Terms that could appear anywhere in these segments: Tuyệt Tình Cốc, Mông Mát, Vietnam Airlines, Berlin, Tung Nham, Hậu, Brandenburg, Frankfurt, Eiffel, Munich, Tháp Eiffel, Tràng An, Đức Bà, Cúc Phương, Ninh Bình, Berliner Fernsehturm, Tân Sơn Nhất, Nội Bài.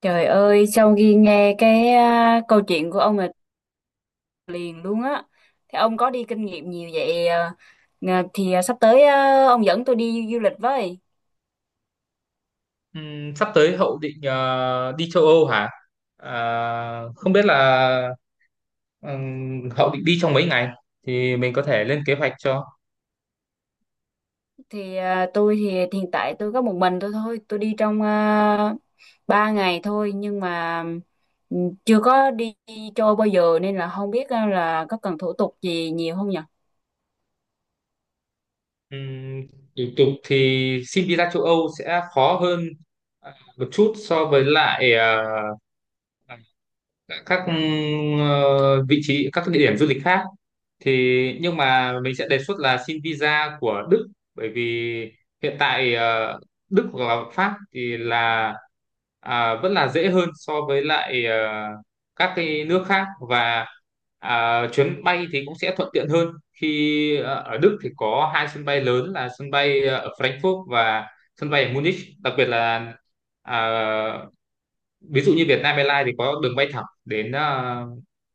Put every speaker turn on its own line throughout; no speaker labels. Trời ơi, sau khi nghe cái câu chuyện của ông là liền luôn á. Thì ông có đi kinh nghiệm nhiều vậy à? Sắp tới ông dẫn tôi đi du lịch với.
Sắp tới Hậu định đi châu Âu hả? Không biết là Hậu định đi trong mấy ngày thì mình có thể lên kế hoạch cho.
Thì tôi thì hiện tại tôi có một mình tôi thôi, tôi đi trong 3 ngày thôi, nhưng mà ừ, chưa có đi chơi bao giờ nên là không biết là có cần thủ tục gì nhiều không nhỉ?
Ừm, Thủ tục thì xin visa châu Âu sẽ khó hơn một chút so với lại các vị trí các địa điểm du lịch khác thì, nhưng mà mình sẽ đề xuất là xin visa của Đức, bởi vì hiện tại Đức hoặc là Pháp thì là vẫn là dễ hơn so với lại các cái nước khác, và chuyến bay thì cũng sẽ thuận tiện hơn khi ở Đức thì có hai sân bay lớn là sân bay ở Frankfurt và sân bay ở Munich, đặc biệt là à, ví dụ như Vietnam Airlines thì có đường bay thẳng đến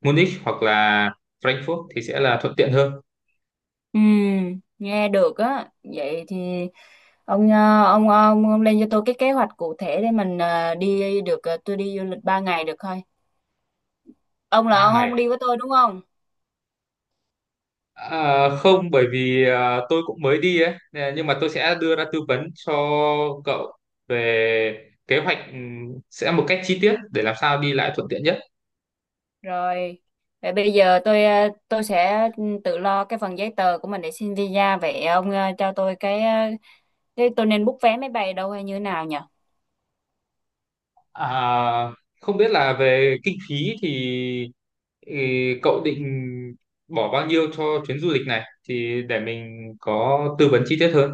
Munich hoặc là Frankfurt thì sẽ là thuận tiện hơn.
Ừ, nghe được á. Vậy thì Ông, ờ, ông lên cho tôi cái kế hoạch cụ thể để mình đi được, tôi đi du lịch 3 ngày được thôi. Ông là
ba
ông không
ngày
đi với tôi đúng không?
Không, bởi vì tôi cũng mới đi ấy nè, nhưng mà tôi sẽ đưa ra tư vấn cho cậu về kế hoạch, sẽ một cách chi tiết để làm sao đi lại thuận tiện nhất.
Rồi. Vậy bây giờ tôi tôi sẽ ừ, tự lo cái phần giấy tờ của mình để xin visa, vậy ông ờ, cho tôi cái ờ, thế tôi nên book vé máy bay đâu hay như thế nào nhỉ?
à, Không biết là về kinh phí thì ừ, cậu định bỏ bao nhiêu cho chuyến du lịch này thì để mình có tư vấn chi tiết hơn.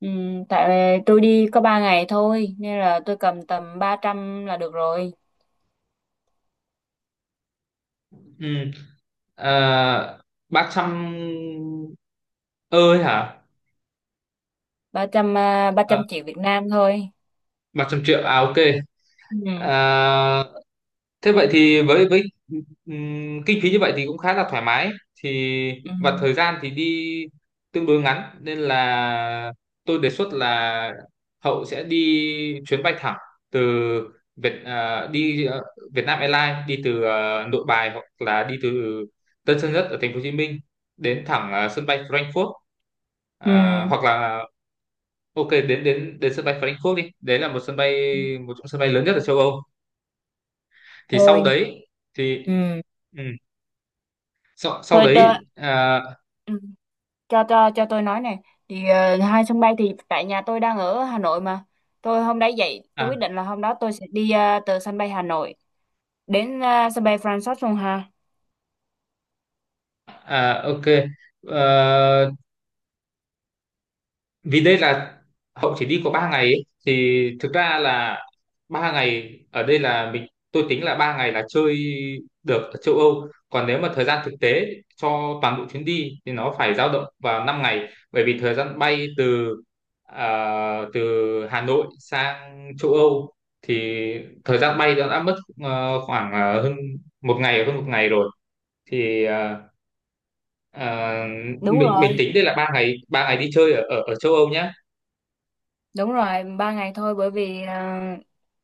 Ừ, tại tôi đi có 3 ngày thôi nên là tôi cầm tầm ba trăm là được rồi.
Ừ. à, 300 ơi hả?
Ba trăm ba
à,
trăm triệu Việt Nam thôi.
300 triệu à? ok.
Ừ.
à, Thế vậy thì với kinh phí như vậy thì cũng khá là thoải mái, thì
Ừ.
và thời gian thì đi tương đối ngắn nên là tôi đề xuất là Hậu sẽ đi chuyến bay thẳng từ đi Việt Nam Airlines, đi từ Nội Bài hoặc là đi từ Tân Sơn Nhất ở Thành phố Hồ Chí Minh đến thẳng sân bay Frankfurt.
Ừ.
Hoặc là ok đến đến đến sân bay Frankfurt đi, đấy là một sân bay, một trong sân bay lớn nhất ở châu Âu thì sau
Thôi.
đấy thì
Ừ.
ừ, sau
Thôi.
đấy
Ừ. Cho tôi nói này, thì ờ, hai sân bay thì tại nhà tôi đang ở Hà Nội mà, tôi hôm đấy dậy tôi
à,
quyết định là hôm đó tôi sẽ đi từ sân bay Hà Nội đến sân bay Francis luôn hà.
ok. Ờ, vì đây là Hậu chỉ đi có 3 ngày ấy, thì thực ra là 3 ngày ở đây là mình tôi tính là 3 ngày là chơi được ở châu Âu, còn nếu mà thời gian thực tế cho toàn bộ chuyến đi thì nó phải dao động vào 5 ngày, bởi vì thời gian bay từ từ Hà Nội sang châu Âu thì thời gian bay đã mất khoảng hơn một ngày, hơn một ngày rồi thì ờ,
Đúng
mình
rồi,
tính đây là 3 ngày, 3 ngày đi chơi ở ở, ở châu Âu nhé.
đúng rồi, ba ngày thôi, bởi vì ờ,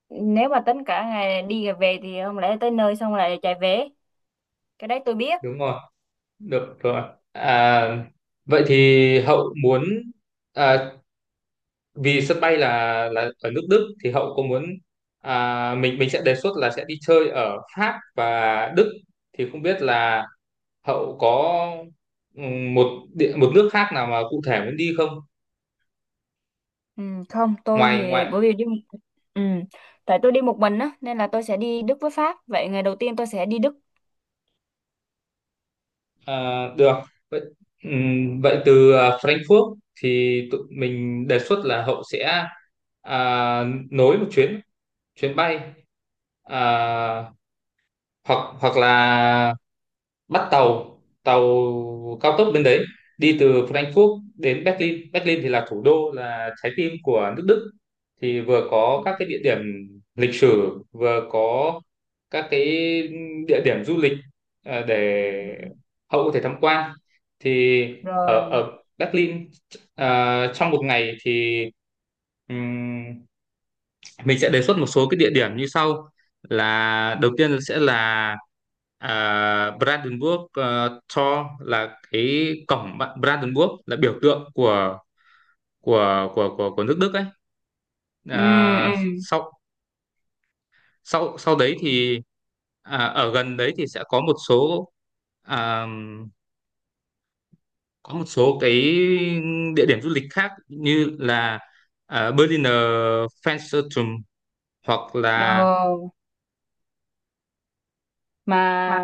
nếu mà tính cả ngày đi về thì không lẽ tới nơi xong lại chạy về, cái đấy tôi biết.
Đúng rồi. Được rồi. À, Vậy thì Hậu muốn à, vì sân bay là ở nước Đức thì Hậu có muốn mình sẽ đề xuất là sẽ đi chơi ở Pháp và Đức thì không biết là Hậu có ừm, một một nước khác nào mà cụ thể muốn đi không?
Ừ, không, tôi
Ngoài
thì
ngoài
bởi vì đi ừ, tại tôi đi một mình á nên là tôi sẽ đi Đức với Pháp, vậy ngày đầu tiên tôi sẽ đi Đức.
à, được. Vậy vậy từ Frankfurt thì tụi mình đề xuất là Hậu sẽ à, nối một chuyến chuyến bay, à, hoặc hoặc là bắt tàu tàu cao tốc bên đấy, đi từ Frankfurt đến Berlin. Berlin thì là thủ đô, là trái tim của nước Đức thì vừa
Ừ.
có các cái địa điểm lịch sử, vừa có các cái địa điểm du lịch để
Ừ.
Hậu có thể tham quan thì ở
Rồi.
ở Berlin trong một ngày thì mình sẽ đề xuất một số cái địa điểm như sau, là đầu tiên sẽ là Brandenburg Tor là cái cổng, Brandenburg là biểu tượng của nước Đức ấy.
Ừ. Ừ.
Sau sau sau đấy thì ở gần đấy thì sẽ có một số, à, cái địa điểm du lịch khác như là Berliner Fernsehturm hoặc là
Ờ, mà
mà.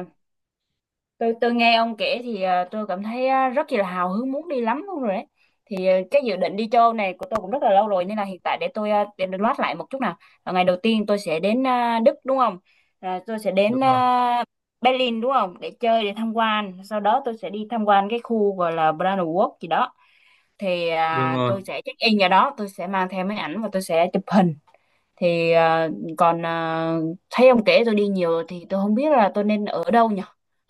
tôi tôi nghe ông kể thì tôi cảm thấy rất là hào hứng muốn đi lắm luôn rồi đấy. Thì cái dự định đi châu này của tôi cũng rất là lâu rồi, nên là hiện tại để tôi để được loát lại một chút nào. Ờ, ngày đầu tiên tôi sẽ đến Đức đúng không? À, tôi sẽ
Đúng
đến
rồi,
Berlin đúng không? Để chơi, để tham quan. Sau đó tôi sẽ đi tham quan cái khu gọi là Brandenburg gì đó. Thì
đúng rồi.
tôi sẽ check in vào đó, tôi sẽ mang theo máy ảnh và tôi sẽ chụp hình. Thì còn ờ, thấy ông kể tôi đi nhiều, thì tôi không biết là tôi nên ở đâu nhỉ,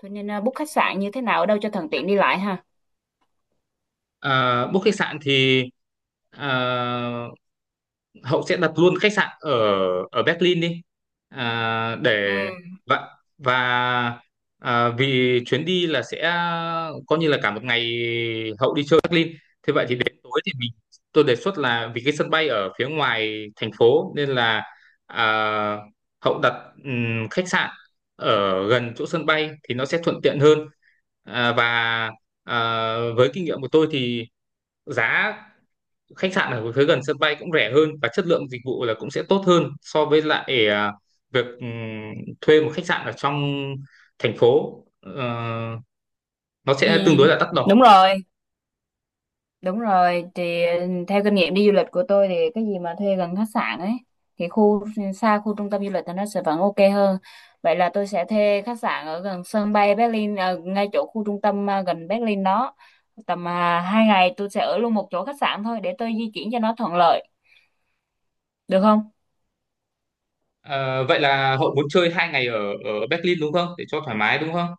tôi nên book khách sạn như thế nào, ở đâu cho thuận tiện đi lại ha.
Ờ, book khách sạn thì ờ, Hậu sẽ đặt luôn khách sạn ở ở Berlin đi, để
Ừ.
và và vì chuyến đi là sẽ coi như là cả một ngày Hậu đi chơi Berlin, thế vậy thì đến tối thì mình tôi đề xuất là vì cái sân bay ở phía ngoài thành phố nên là à, Hậu đặt khách sạn ở gần chỗ sân bay thì nó sẽ thuận tiện hơn. Và à, với kinh nghiệm của tôi thì giá khách sạn ở phía gần sân bay cũng rẻ hơn và chất lượng dịch vụ là cũng sẽ tốt hơn so với lại việc thuê một khách sạn ở trong thành phố. Ờ, nó
Ừ.
sẽ tương đối là đắt đỏ.
Đúng rồi, đúng rồi, thì ờ, theo kinh nghiệm đi du lịch của tôi thì cái gì mà thuê gần khách sạn ấy, thì khu xa khu trung tâm du lịch thì nó sẽ vẫn ok hơn. Vậy là tôi sẽ thuê khách sạn ở gần sân bay Berlin, ngay chỗ khu trung tâm gần Berlin đó. Tầm hai ngày tôi sẽ ở luôn một chỗ khách sạn thôi để tôi di chuyển cho nó thuận lợi, được không?
Ờ, vậy là Hậu muốn chơi 2 ngày ở ở Berlin đúng không? Để cho thoải mái đúng không?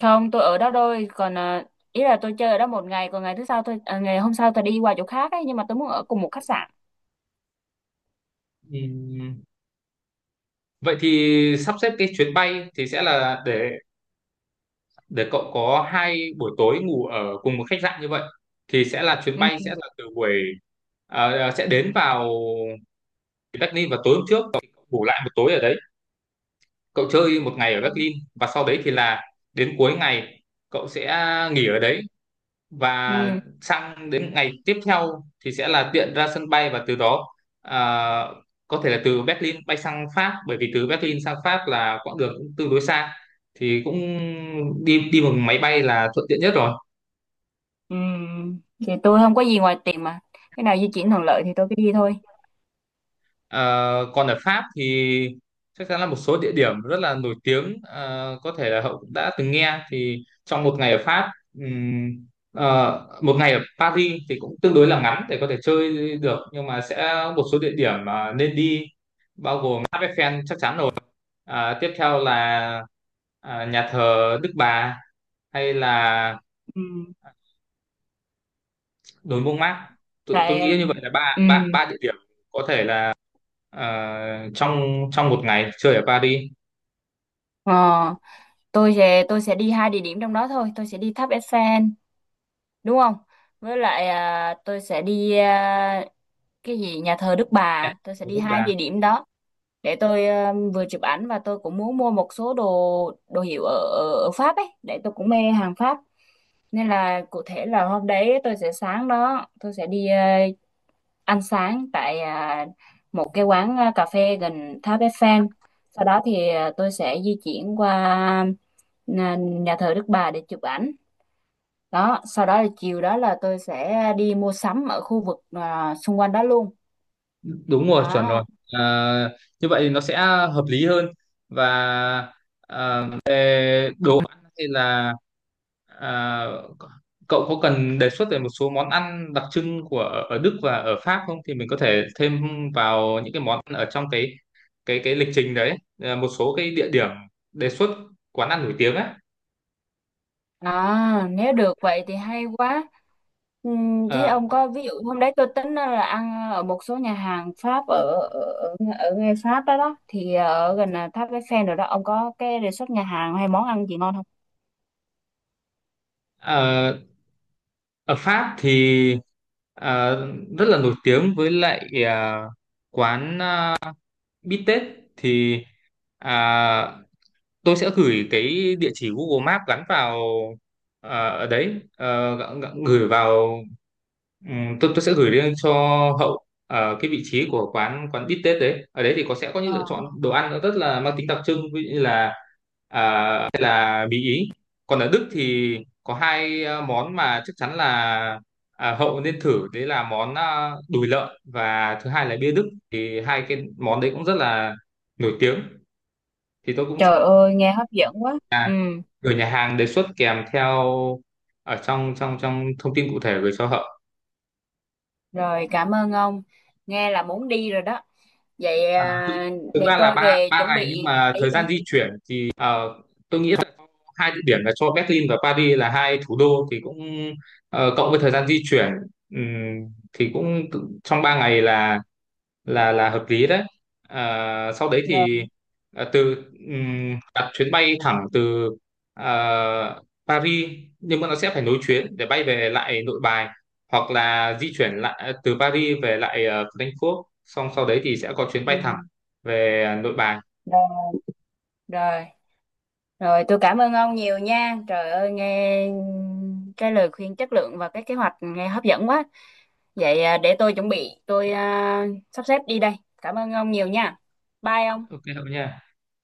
Không, tôi ở đó thôi, còn ý là tôi chơi ở đó một ngày, còn ngày thứ sau tôi ngày hôm sau tôi đi qua chỗ khác ấy, nhưng mà tôi muốn ở cùng một khách sạn.
Ừm, Vậy thì sắp xếp cái chuyến bay thì sẽ là để cậu có 2 buổi tối ngủ ở cùng một khách sạn như vậy thì sẽ là chuyến
Ừ.
bay sẽ là từ buổi à, à, sẽ đến vào Berlin vào tối hôm trước, cậu ngủ lại một tối ở đấy, cậu chơi một ngày ở Berlin và sau đấy thì là đến cuối ngày cậu sẽ nghỉ ở đấy, và
Ừ.
sang đến ngày tiếp theo thì sẽ là tiện ra sân bay và từ đó à, có thể là từ Berlin bay sang Pháp, bởi vì từ Berlin sang Pháp là quãng đường cũng tương đối xa thì cũng đi đi bằng máy bay là thuận tiện nhất rồi.
Ừ. Thì tôi không có gì ngoài tiền mà. Cái nào di chuyển thuận lợi thì tôi cứ đi thôi.
Ờ, còn ở Pháp thì chắc chắn là một số địa điểm rất là nổi tiếng, có thể là Hậu cũng đã từng nghe thì, trong một ngày ở Pháp ừm, một ngày ở Paris thì cũng tương đối là ngắn để có thể chơi được, nhưng mà sẽ một số địa điểm mà nên đi bao gồm tháp Eiffel chắc chắn rồi. Tiếp theo là nhà thờ Đức Bà hay là
Ừ.
đồi Mông Mát. Tôi
Tại
nghĩ như vậy là ba
ừ.
ba ba địa điểm có thể là ờ, trong trong một ngày chơi ở Paris.
Ờ, tôi sẽ đi hai địa điểm trong đó thôi, tôi sẽ đi tháp Eiffel, đúng không? Với lại tôi sẽ đi cái gì nhà thờ Đức
Đẹp,
Bà, tôi sẽ
ở
đi
bước
hai
ba.
địa điểm đó. Để tôi vừa chụp ảnh và tôi cũng muốn mua một số đồ, đồ hiệu ở, ở Pháp ấy, để tôi cũng mê hàng Pháp nên là cụ thể là hôm đấy tôi sẽ sáng đó tôi sẽ đi ăn sáng tại một cái quán cà phê gần Tháp Eiffel, sau đó thì ờ, tôi sẽ di chuyển qua nhà thờ Đức Bà để chụp ảnh đó, sau đó là chiều đó là tôi sẽ đi mua sắm ở khu vực xung quanh đó luôn
Đúng rồi, chuẩn rồi.
đó.
Ờ, như vậy thì nó sẽ hợp lý hơn. Và về hay là ờ, cậu có cần đề xuất về một số món ăn đặc trưng của ở Đức và ở Pháp không thì mình có thể thêm vào những cái món ăn ở trong cái lịch trình đấy. Ờ, một số cái địa điểm đề xuất quán ăn nổi tiếng ấy.
À, nếu được vậy thì hay quá. Thế
Ờ,
ông có, ví dụ hôm đấy tôi tính là ăn ở một số nhà hàng Pháp ở ở ngay Pháp đó, đó thì ở gần là tháp Eiffel rồi đó, ông có cái đề xuất nhà hàng hay món ăn gì ngon không?
ờ, Ở Pháp thì ờ, rất là nổi tiếng với lại quán bít tết thì à, tôi sẽ gửi cái địa chỉ Google Maps gắn vào ở đấy. Ờ, gửi vào tôi sẽ gửi lên cho Hậu cái vị trí của quán quán bít tết đấy. Ở đấy thì có sẽ có những
Ờ,
lựa chọn đồ ăn nó rất là mang tính đặc trưng, ví dụ như là Mỹ Ý. Còn ở Đức thì có hai món mà chắc chắn là Hậu nên thử, đấy là món đùi lợn và thứ hai là bia Đức thì hai cái món đấy cũng rất là nổi tiếng, thì tôi cũng sẽ
trời ơi nghe hấp dẫn quá. Ừ,
gửi nhà hàng đề xuất kèm theo ở trong trong trong thông tin cụ thể gửi cho Hậu.
rồi cảm ơn ông. Nghe là muốn đi rồi đó. Vậy
À, thực
để
ra là
tôi
ba
về
ba
chuẩn
ngày nhưng
bị hành
mà thời
lý đã.
gian di chuyển thì tôi nghĩ hai địa điểm là cho Berlin và Paris là hai thủ đô thì cũng cộng với thời gian di chuyển, thì cũng trong 3 ngày là hợp lý đấy. Ờ, sau đấy
Rồi.
thì từ đặt chuyến bay thẳng từ ờ, Paris, nhưng mà nó sẽ phải nối chuyến để bay về lại Nội Bài, hoặc là di chuyển lại từ Paris về lại Frankfurt xong sau đấy thì sẽ có chuyến
Ừ.
bay thẳng về Nội Bài.
Rồi. Rồi. Rồi tôi cảm ơn ông nhiều nha. Trời ơi nghe cái lời khuyên chất lượng và cái kế hoạch nghe hấp dẫn quá. Vậy để tôi chuẩn bị, tôi sắp xếp đi đây. Cảm ơn ông nhiều nha. Bye
Ok
ông.
không nha?